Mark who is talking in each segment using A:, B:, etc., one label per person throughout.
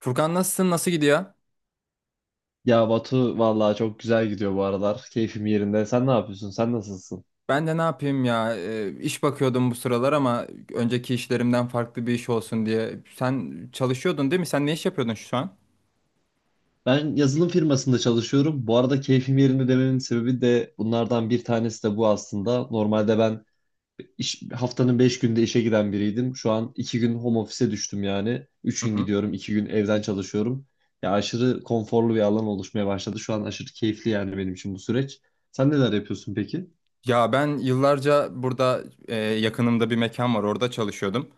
A: Furkan nasılsın? Nasıl gidiyor?
B: Ya Batu vallahi çok güzel gidiyor bu aralar. Keyfim yerinde. Sen ne yapıyorsun? Sen nasılsın?
A: Ben de ne yapayım ya? İş bakıyordum bu sıralar ama önceki işlerimden farklı bir iş olsun diye. Sen çalışıyordun değil mi? Sen ne iş yapıyordun şu an?
B: Ben yazılım firmasında çalışıyorum. Bu arada keyfim yerinde dememin sebebi de bunlardan bir tanesi de bu aslında. Normalde ben iş, haftanın 5 günde işe giden biriydim. Şu an 2 gün home office'e düştüm yani. Üç
A: Hı
B: gün
A: hı.
B: gidiyorum, 2 gün evden çalışıyorum. Ya aşırı konforlu bir alan oluşmaya başladı. Şu an aşırı keyifli yani benim için bu süreç. Sen neler yapıyorsun peki?
A: Ya ben yıllarca burada yakınımda bir mekan var. Orada çalışıyordum.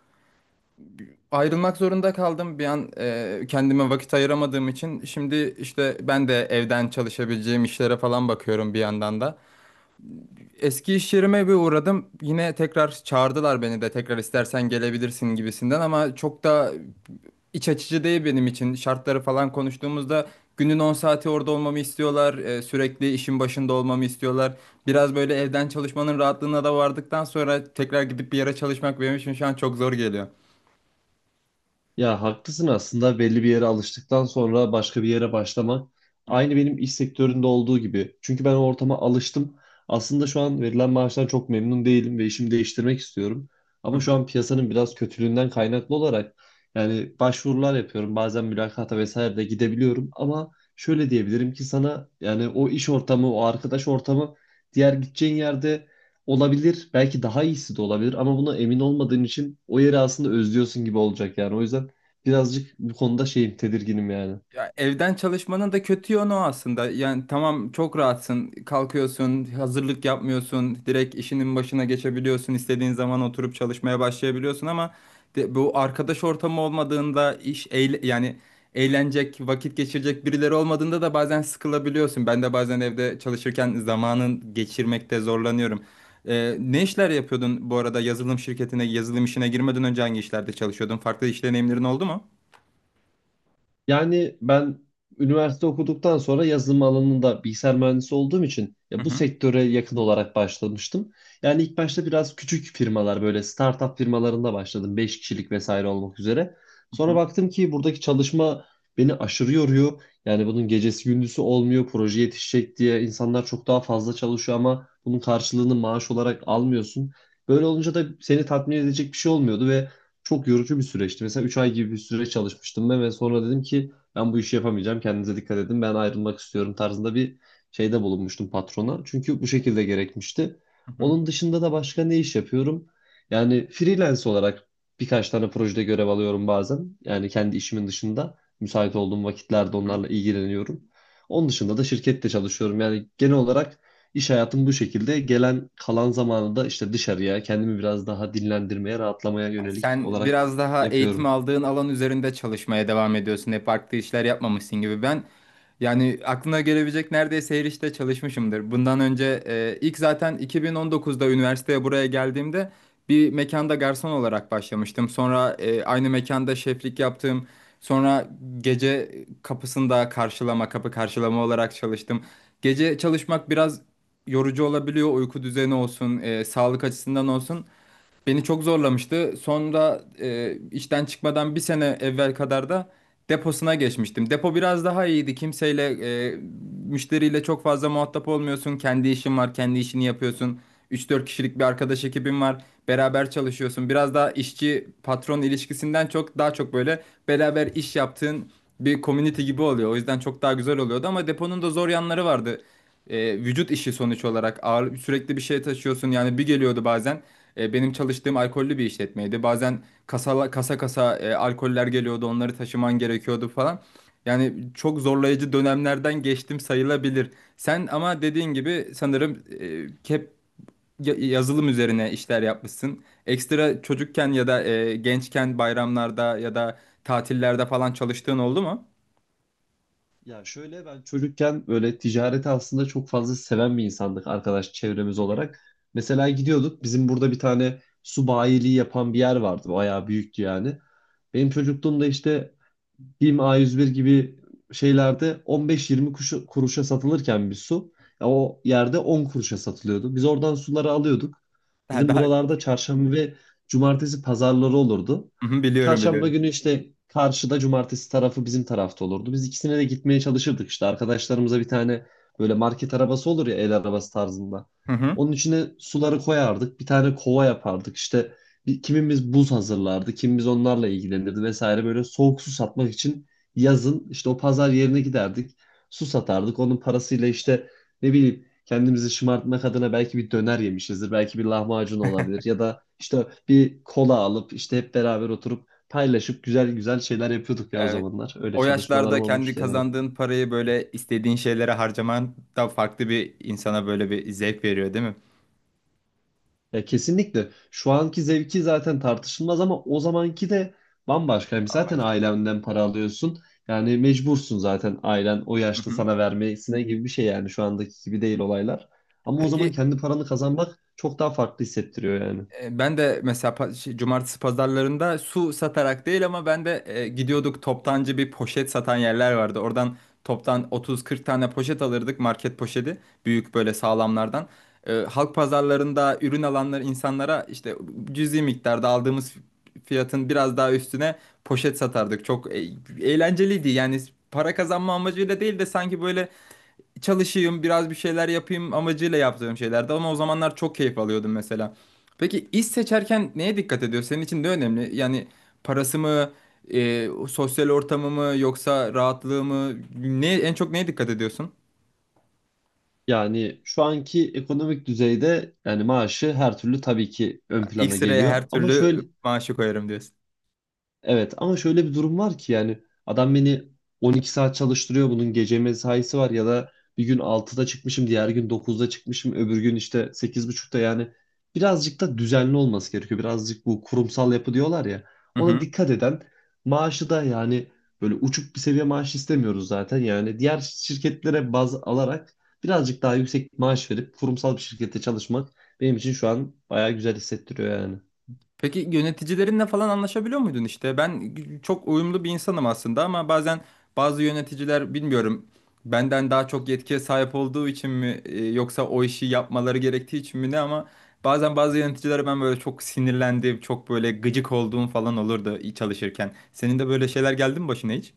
A: Ayrılmak zorunda kaldım. Bir an kendime vakit ayıramadığım için şimdi işte ben de evden çalışabileceğim işlere falan bakıyorum bir yandan da. Eski iş yerime bir uğradım. Yine tekrar çağırdılar beni de tekrar istersen gelebilirsin gibisinden ama çok da iç açıcı değil benim için. Şartları falan konuştuğumuzda günün 10 saati orada olmamı istiyorlar. Sürekli işin başında olmamı istiyorlar. Biraz böyle evden çalışmanın rahatlığına da vardıktan sonra tekrar gidip bir yere çalışmak benim için şu an çok zor geliyor.
B: Ya haklısın aslında belli bir yere alıştıktan sonra başka bir yere başlamak aynı benim iş sektöründe olduğu gibi. Çünkü ben o ortama alıştım. Aslında şu an verilen maaştan çok memnun değilim ve işimi değiştirmek istiyorum.
A: Hı?
B: Ama şu an piyasanın biraz kötülüğünden kaynaklı olarak yani başvurular yapıyorum. Bazen mülakata vesaire de gidebiliyorum ama şöyle diyebilirim ki sana yani o iş ortamı, o arkadaş ortamı diğer gideceğin yerde olabilir. Belki daha iyisi de olabilir ama buna emin olmadığın için o yeri aslında özlüyorsun gibi olacak yani. O yüzden birazcık bu konuda şeyim, tedirginim yani.
A: Ya evden çalışmanın da kötü yönü o aslında. Yani tamam çok rahatsın. Kalkıyorsun, hazırlık yapmıyorsun. Direkt işinin başına geçebiliyorsun. İstediğin zaman oturup çalışmaya başlayabiliyorsun ama bu arkadaş ortamı olmadığında iş yani eğlenecek, vakit geçirecek birileri olmadığında da bazen sıkılabiliyorsun. Ben de bazen evde çalışırken zamanın geçirmekte zorlanıyorum. Ne işler yapıyordun bu arada yazılım şirketine, yazılım işine girmeden önce hangi işlerde çalışıyordun? Farklı iş deneyimlerin oldu mu?
B: Yani ben üniversite okuduktan sonra yazılım alanında bilgisayar mühendisi olduğum için
A: Hı
B: ya bu
A: hı,
B: sektöre yakın olarak başlamıştım. Yani ilk başta biraz küçük firmalar böyle startup firmalarında başladım. Beş kişilik vesaire olmak üzere.
A: hı
B: Sonra
A: hı,
B: baktım ki buradaki çalışma beni aşırı yoruyor. Yani bunun gecesi gündüzü olmuyor. Proje yetişecek diye insanlar çok daha fazla çalışıyor ama bunun karşılığını maaş olarak almıyorsun. Böyle olunca da seni tatmin edecek bir şey olmuyordu ve çok yorucu bir süreçti. Mesela 3 ay gibi bir süre çalışmıştım ben ve sonra dedim ki ben bu işi yapamayacağım. Kendinize dikkat edin. Ben ayrılmak istiyorum tarzında bir şeyde bulunmuştum patrona. Çünkü bu şekilde gerekmişti.
A: hı hı,
B: Onun dışında da başka ne iş yapıyorum? Yani freelance olarak birkaç tane projede görev alıyorum bazen. Yani kendi işimin dışında müsait olduğum
A: hı
B: vakitlerde
A: hı.
B: onlarla ilgileniyorum. Onun dışında da şirkette çalışıyorum. Yani genel olarak İş hayatım bu şekilde. Gelen kalan zamanı da işte dışarıya, kendimi biraz daha dinlendirmeye, rahatlamaya yönelik
A: Sen
B: olarak
A: biraz daha eğitim
B: yapıyorum.
A: aldığın alan üzerinde çalışmaya devam ediyorsun. Hep farklı işler yapmamışsın gibi. Ben yani aklına gelebilecek neredeyse her işte çalışmışımdır. Bundan önce ilk zaten 2019'da üniversiteye buraya geldiğimde bir mekanda garson olarak başlamıştım. Sonra aynı mekanda şeflik yaptım. Sonra gece kapısında karşılama, kapı karşılama olarak çalıştım. Gece çalışmak biraz yorucu olabiliyor. Uyku düzeni olsun, sağlık açısından olsun. Beni çok zorlamıştı. Sonra işten çıkmadan bir sene evvel kadar da deposuna geçmiştim. Depo biraz daha iyiydi. Kimseyle, e, müşteriyle çok fazla muhatap olmuyorsun. Kendi işin var, kendi işini yapıyorsun. Üç dört kişilik bir arkadaş ekibin var. Beraber çalışıyorsun. Biraz daha işçi patron ilişkisinden çok daha çok böyle beraber iş yaptığın bir community gibi oluyor. O yüzden çok daha güzel oluyordu ama deponun da zor yanları vardı. Vücut işi sonuç olarak ağır sürekli bir şey taşıyorsun. Yani bir geliyordu bazen. Benim çalıştığım alkollü bir işletmeydi. Bazen kasa kasa kasa alkoller geliyordu, onları taşıman gerekiyordu falan. Yani çok zorlayıcı dönemlerden geçtim sayılabilir. Sen ama dediğin gibi sanırım hep yazılım üzerine işler yapmışsın. Ekstra çocukken ya da gençken bayramlarda ya da tatillerde falan çalıştığın oldu mu?
B: Ya şöyle ben çocukken böyle ticareti aslında çok fazla seven bir insandık arkadaş çevremiz
A: Hı hı.
B: olarak. Mesela gidiyorduk bizim burada bir tane su bayiliği yapan bir yer vardı. Bayağı büyüktü yani. Benim çocukluğumda işte BİM A101 gibi şeylerde 15-20 kuruşa satılırken bir su ya o yerde 10 kuruşa satılıyordu. Biz oradan suları alıyorduk.
A: Ha,
B: Bizim
A: daha.
B: buralarda çarşamba ve cumartesi pazarları olurdu.
A: Hı hı, biliyorum
B: Çarşamba
A: biliyorum.
B: günü işte karşıda cumartesi tarafı bizim tarafta olurdu. Biz ikisine de gitmeye çalışırdık işte. Arkadaşlarımıza bir tane böyle market arabası olur ya el arabası tarzında.
A: Hı hı.
B: Onun içine suları koyardık. Bir tane kova yapardık. İşte kimimiz buz hazırlardı. Kimimiz onlarla ilgilenirdi vesaire. Böyle soğuk su satmak için yazın işte o pazar yerine giderdik. Su satardık. Onun parasıyla işte ne bileyim kendimizi şımartmak adına belki bir döner yemişizdir. Belki bir lahmacun olabilir ya da işte bir kola alıp işte hep beraber oturup paylaşıp güzel güzel şeyler yapıyorduk ya o
A: Evet.
B: zamanlar. Öyle
A: O
B: çalışmalarım
A: yaşlarda kendi
B: olmuştu yani.
A: kazandığın parayı böyle istediğin şeylere harcaman da farklı bir insana böyle bir zevk veriyor değil mi?
B: Ya kesinlikle şu anki zevki zaten tartışılmaz ama o zamanki de bambaşka. Yani zaten
A: Bambaşka.
B: ailenden para alıyorsun. Yani mecbursun zaten ailen o
A: Hı
B: yaşta
A: hı.
B: sana vermesine gibi bir şey yani şu andaki gibi değil olaylar. Ama o zaman
A: Peki.
B: kendi paranı kazanmak çok daha farklı hissettiriyor yani.
A: Ben de mesela cumartesi pazarlarında su satarak değil ama ben de gidiyorduk toptancı bir poşet satan yerler vardı. Oradan toptan 30-40 tane poşet alırdık market poşeti büyük böyle sağlamlardan. Halk pazarlarında ürün alanlar insanlara işte cüzi miktarda aldığımız fiyatın biraz daha üstüne poşet satardık. Çok eğlenceliydi yani para kazanma amacıyla değil de sanki böyle çalışayım, biraz bir şeyler yapayım amacıyla yaptığım şeylerdi ama o zamanlar çok keyif alıyordum mesela. Peki iş seçerken neye dikkat ediyor? Senin için de önemli. Yani parası mı, sosyal ortamı mı yoksa rahatlığı mı? Ne, en çok neye dikkat ediyorsun?
B: Yani şu anki ekonomik düzeyde yani maaşı her türlü tabii ki ön
A: İlk
B: plana
A: sıraya
B: geliyor.
A: her
B: Ama
A: türlü
B: şöyle
A: maaşı koyarım
B: evet ama şöyle bir durum var ki yani adam beni 12 saat çalıştırıyor bunun gece mesaisi var ya da bir gün 6'da çıkmışım diğer gün 9'da çıkmışım öbür gün işte 8.30'da yani birazcık da düzenli olması gerekiyor. Birazcık bu kurumsal yapı diyorlar ya ona
A: diyorsun.
B: dikkat eden maaşı da yani böyle uçuk bir seviye maaş istemiyoruz zaten yani diğer şirketlere baz alarak birazcık daha yüksek maaş verip kurumsal bir şirkette çalışmak benim için şu an bayağı güzel hissettiriyor yani.
A: Peki yöneticilerinle falan anlaşabiliyor muydun işte? Ben çok uyumlu bir insanım aslında ama bazen bazı yöneticiler bilmiyorum benden daha çok yetkiye sahip olduğu için mi yoksa o işi yapmaları gerektiği için mi ne ama bazen bazı yöneticilere ben böyle çok sinirlendiğim, çok böyle gıcık olduğum falan olurdu çalışırken. Senin de böyle şeyler geldi mi başına hiç?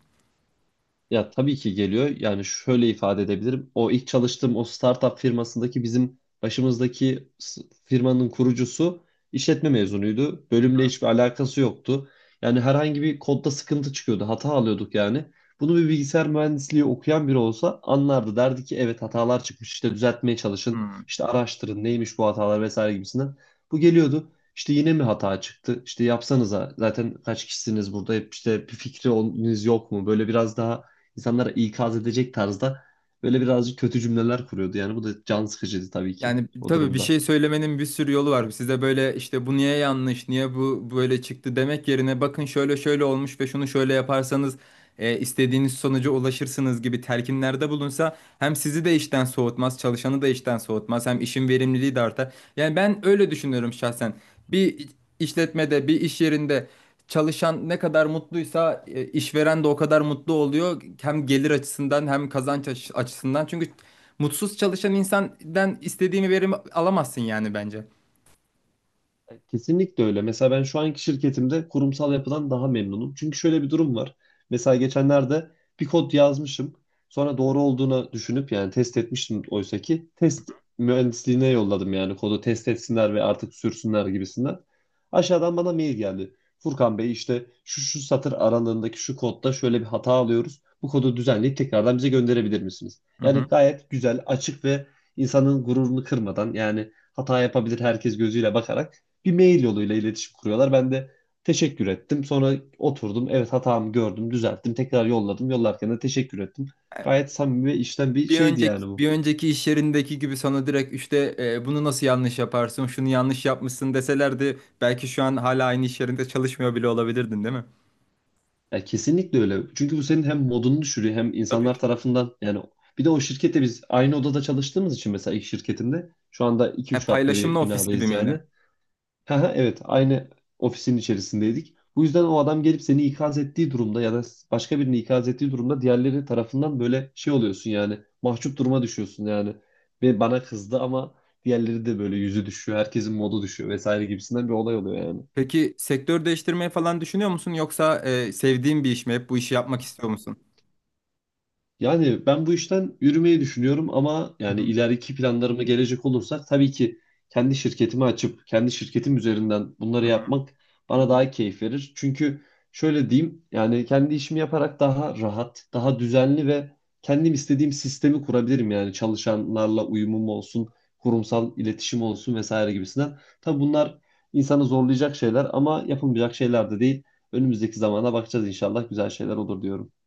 B: Ya tabii ki geliyor. Yani şöyle ifade edebilirim. O ilk çalıştığım o startup firmasındaki bizim başımızdaki firmanın kurucusu işletme mezunuydu. Bölümle hiçbir alakası yoktu. Yani herhangi bir kodda sıkıntı çıkıyordu. Hata alıyorduk yani. Bunu bir bilgisayar mühendisliği okuyan biri olsa anlardı. Derdi ki evet hatalar çıkmış. İşte düzeltmeye
A: Hı
B: çalışın.
A: hı.
B: İşte araştırın neymiş bu hatalar vesaire gibisinden. Bu geliyordu. İşte yine mi hata çıktı? İşte yapsanıza. Zaten kaç kişisiniz burada? Hep işte bir fikriniz yok mu? Böyle biraz daha insanlara ikaz edecek tarzda böyle birazcık kötü cümleler kuruyordu. Yani bu da can sıkıcıydı tabii ki
A: Yani
B: o
A: tabii bir
B: durumda.
A: şey söylemenin bir sürü yolu var. Size böyle işte bu niye yanlış, niye bu böyle çıktı demek yerine bakın şöyle şöyle olmuş ve şunu şöyle yaparsanız istediğiniz sonuca ulaşırsınız gibi telkinlerde bulunsa hem sizi de işten soğutmaz, çalışanı da işten soğutmaz, hem işin verimliliği de artar. Yani ben öyle düşünüyorum şahsen. Bir işletmede, bir iş yerinde çalışan ne kadar mutluysa işveren de o kadar mutlu oluyor. Hem gelir açısından hem açısından. Çünkü mutsuz çalışan insandan istediğimi verimi alamazsın yani bence.
B: Kesinlikle öyle. Mesela ben şu anki şirketimde kurumsal yapıdan daha memnunum. Çünkü şöyle bir durum var. Mesela geçenlerde bir kod yazmışım. Sonra doğru olduğunu düşünüp yani test etmiştim oysa ki test mühendisliğine yolladım yani kodu test etsinler ve artık sürsünler gibisinden. Aşağıdan bana mail geldi. Furkan Bey işte şu şu satır aralığındaki şu kodda şöyle bir hata alıyoruz. Bu kodu düzenleyip tekrardan bize gönderebilir misiniz?
A: Hı
B: Yani
A: hı.
B: gayet güzel, açık ve insanın gururunu kırmadan yani hata yapabilir herkes gözüyle bakarak bir mail yoluyla iletişim kuruyorlar. Ben de teşekkür ettim. Sonra oturdum. Evet hatamı gördüm, düzelttim. Tekrar yolladım. Yollarken de teşekkür ettim. Gayet samimi ve içten bir
A: Bir
B: şeydi
A: önceki
B: yani bu.
A: bir önceki iş yerindeki gibi sana direkt işte bunu nasıl yanlış yaparsın, şunu yanlış yapmışsın deselerdi belki şu an hala aynı iş yerinde çalışmıyor bile olabilirdin, değil mi?
B: Ya kesinlikle öyle. Çünkü bu senin hem modunu düşürüyor hem
A: Tabii
B: insanlar
A: ki.
B: tarafından yani bir de o şirkette biz aynı odada çalıştığımız için mesela ilk şirketinde şu anda iki üç katlı
A: Paylaşımlı
B: bir
A: ofis gibi
B: binadayız
A: miydi?
B: yani. Evet, aynı ofisin içerisindeydik. Bu yüzden o adam gelip seni ikaz ettiği durumda ya da başka birini ikaz ettiği durumda diğerleri tarafından böyle şey oluyorsun yani mahcup duruma düşüyorsun yani. Ve bana kızdı ama diğerleri de böyle yüzü düşüyor, herkesin modu düşüyor vesaire gibisinden bir olay oluyor yani.
A: Peki sektör değiştirmeyi falan düşünüyor musun yoksa sevdiğin bir iş mi? Hep bu işi yapmak istiyor musun?
B: Yani ben bu işten yürümeyi düşünüyorum ama
A: Hı
B: yani
A: hı.
B: ileriki planlarıma gelecek olursak tabii ki kendi şirketimi açıp kendi şirketim üzerinden bunları
A: Hı hı.
B: yapmak bana daha keyif verir. Çünkü şöyle diyeyim yani kendi işimi yaparak daha rahat, daha düzenli ve kendim istediğim sistemi kurabilirim. Yani çalışanlarla uyumum olsun, kurumsal iletişim olsun vesaire gibisinden. Tabii bunlar insanı zorlayacak şeyler ama yapılmayacak şeyler de değil. Önümüzdeki zamana bakacağız inşallah güzel şeyler olur diyorum.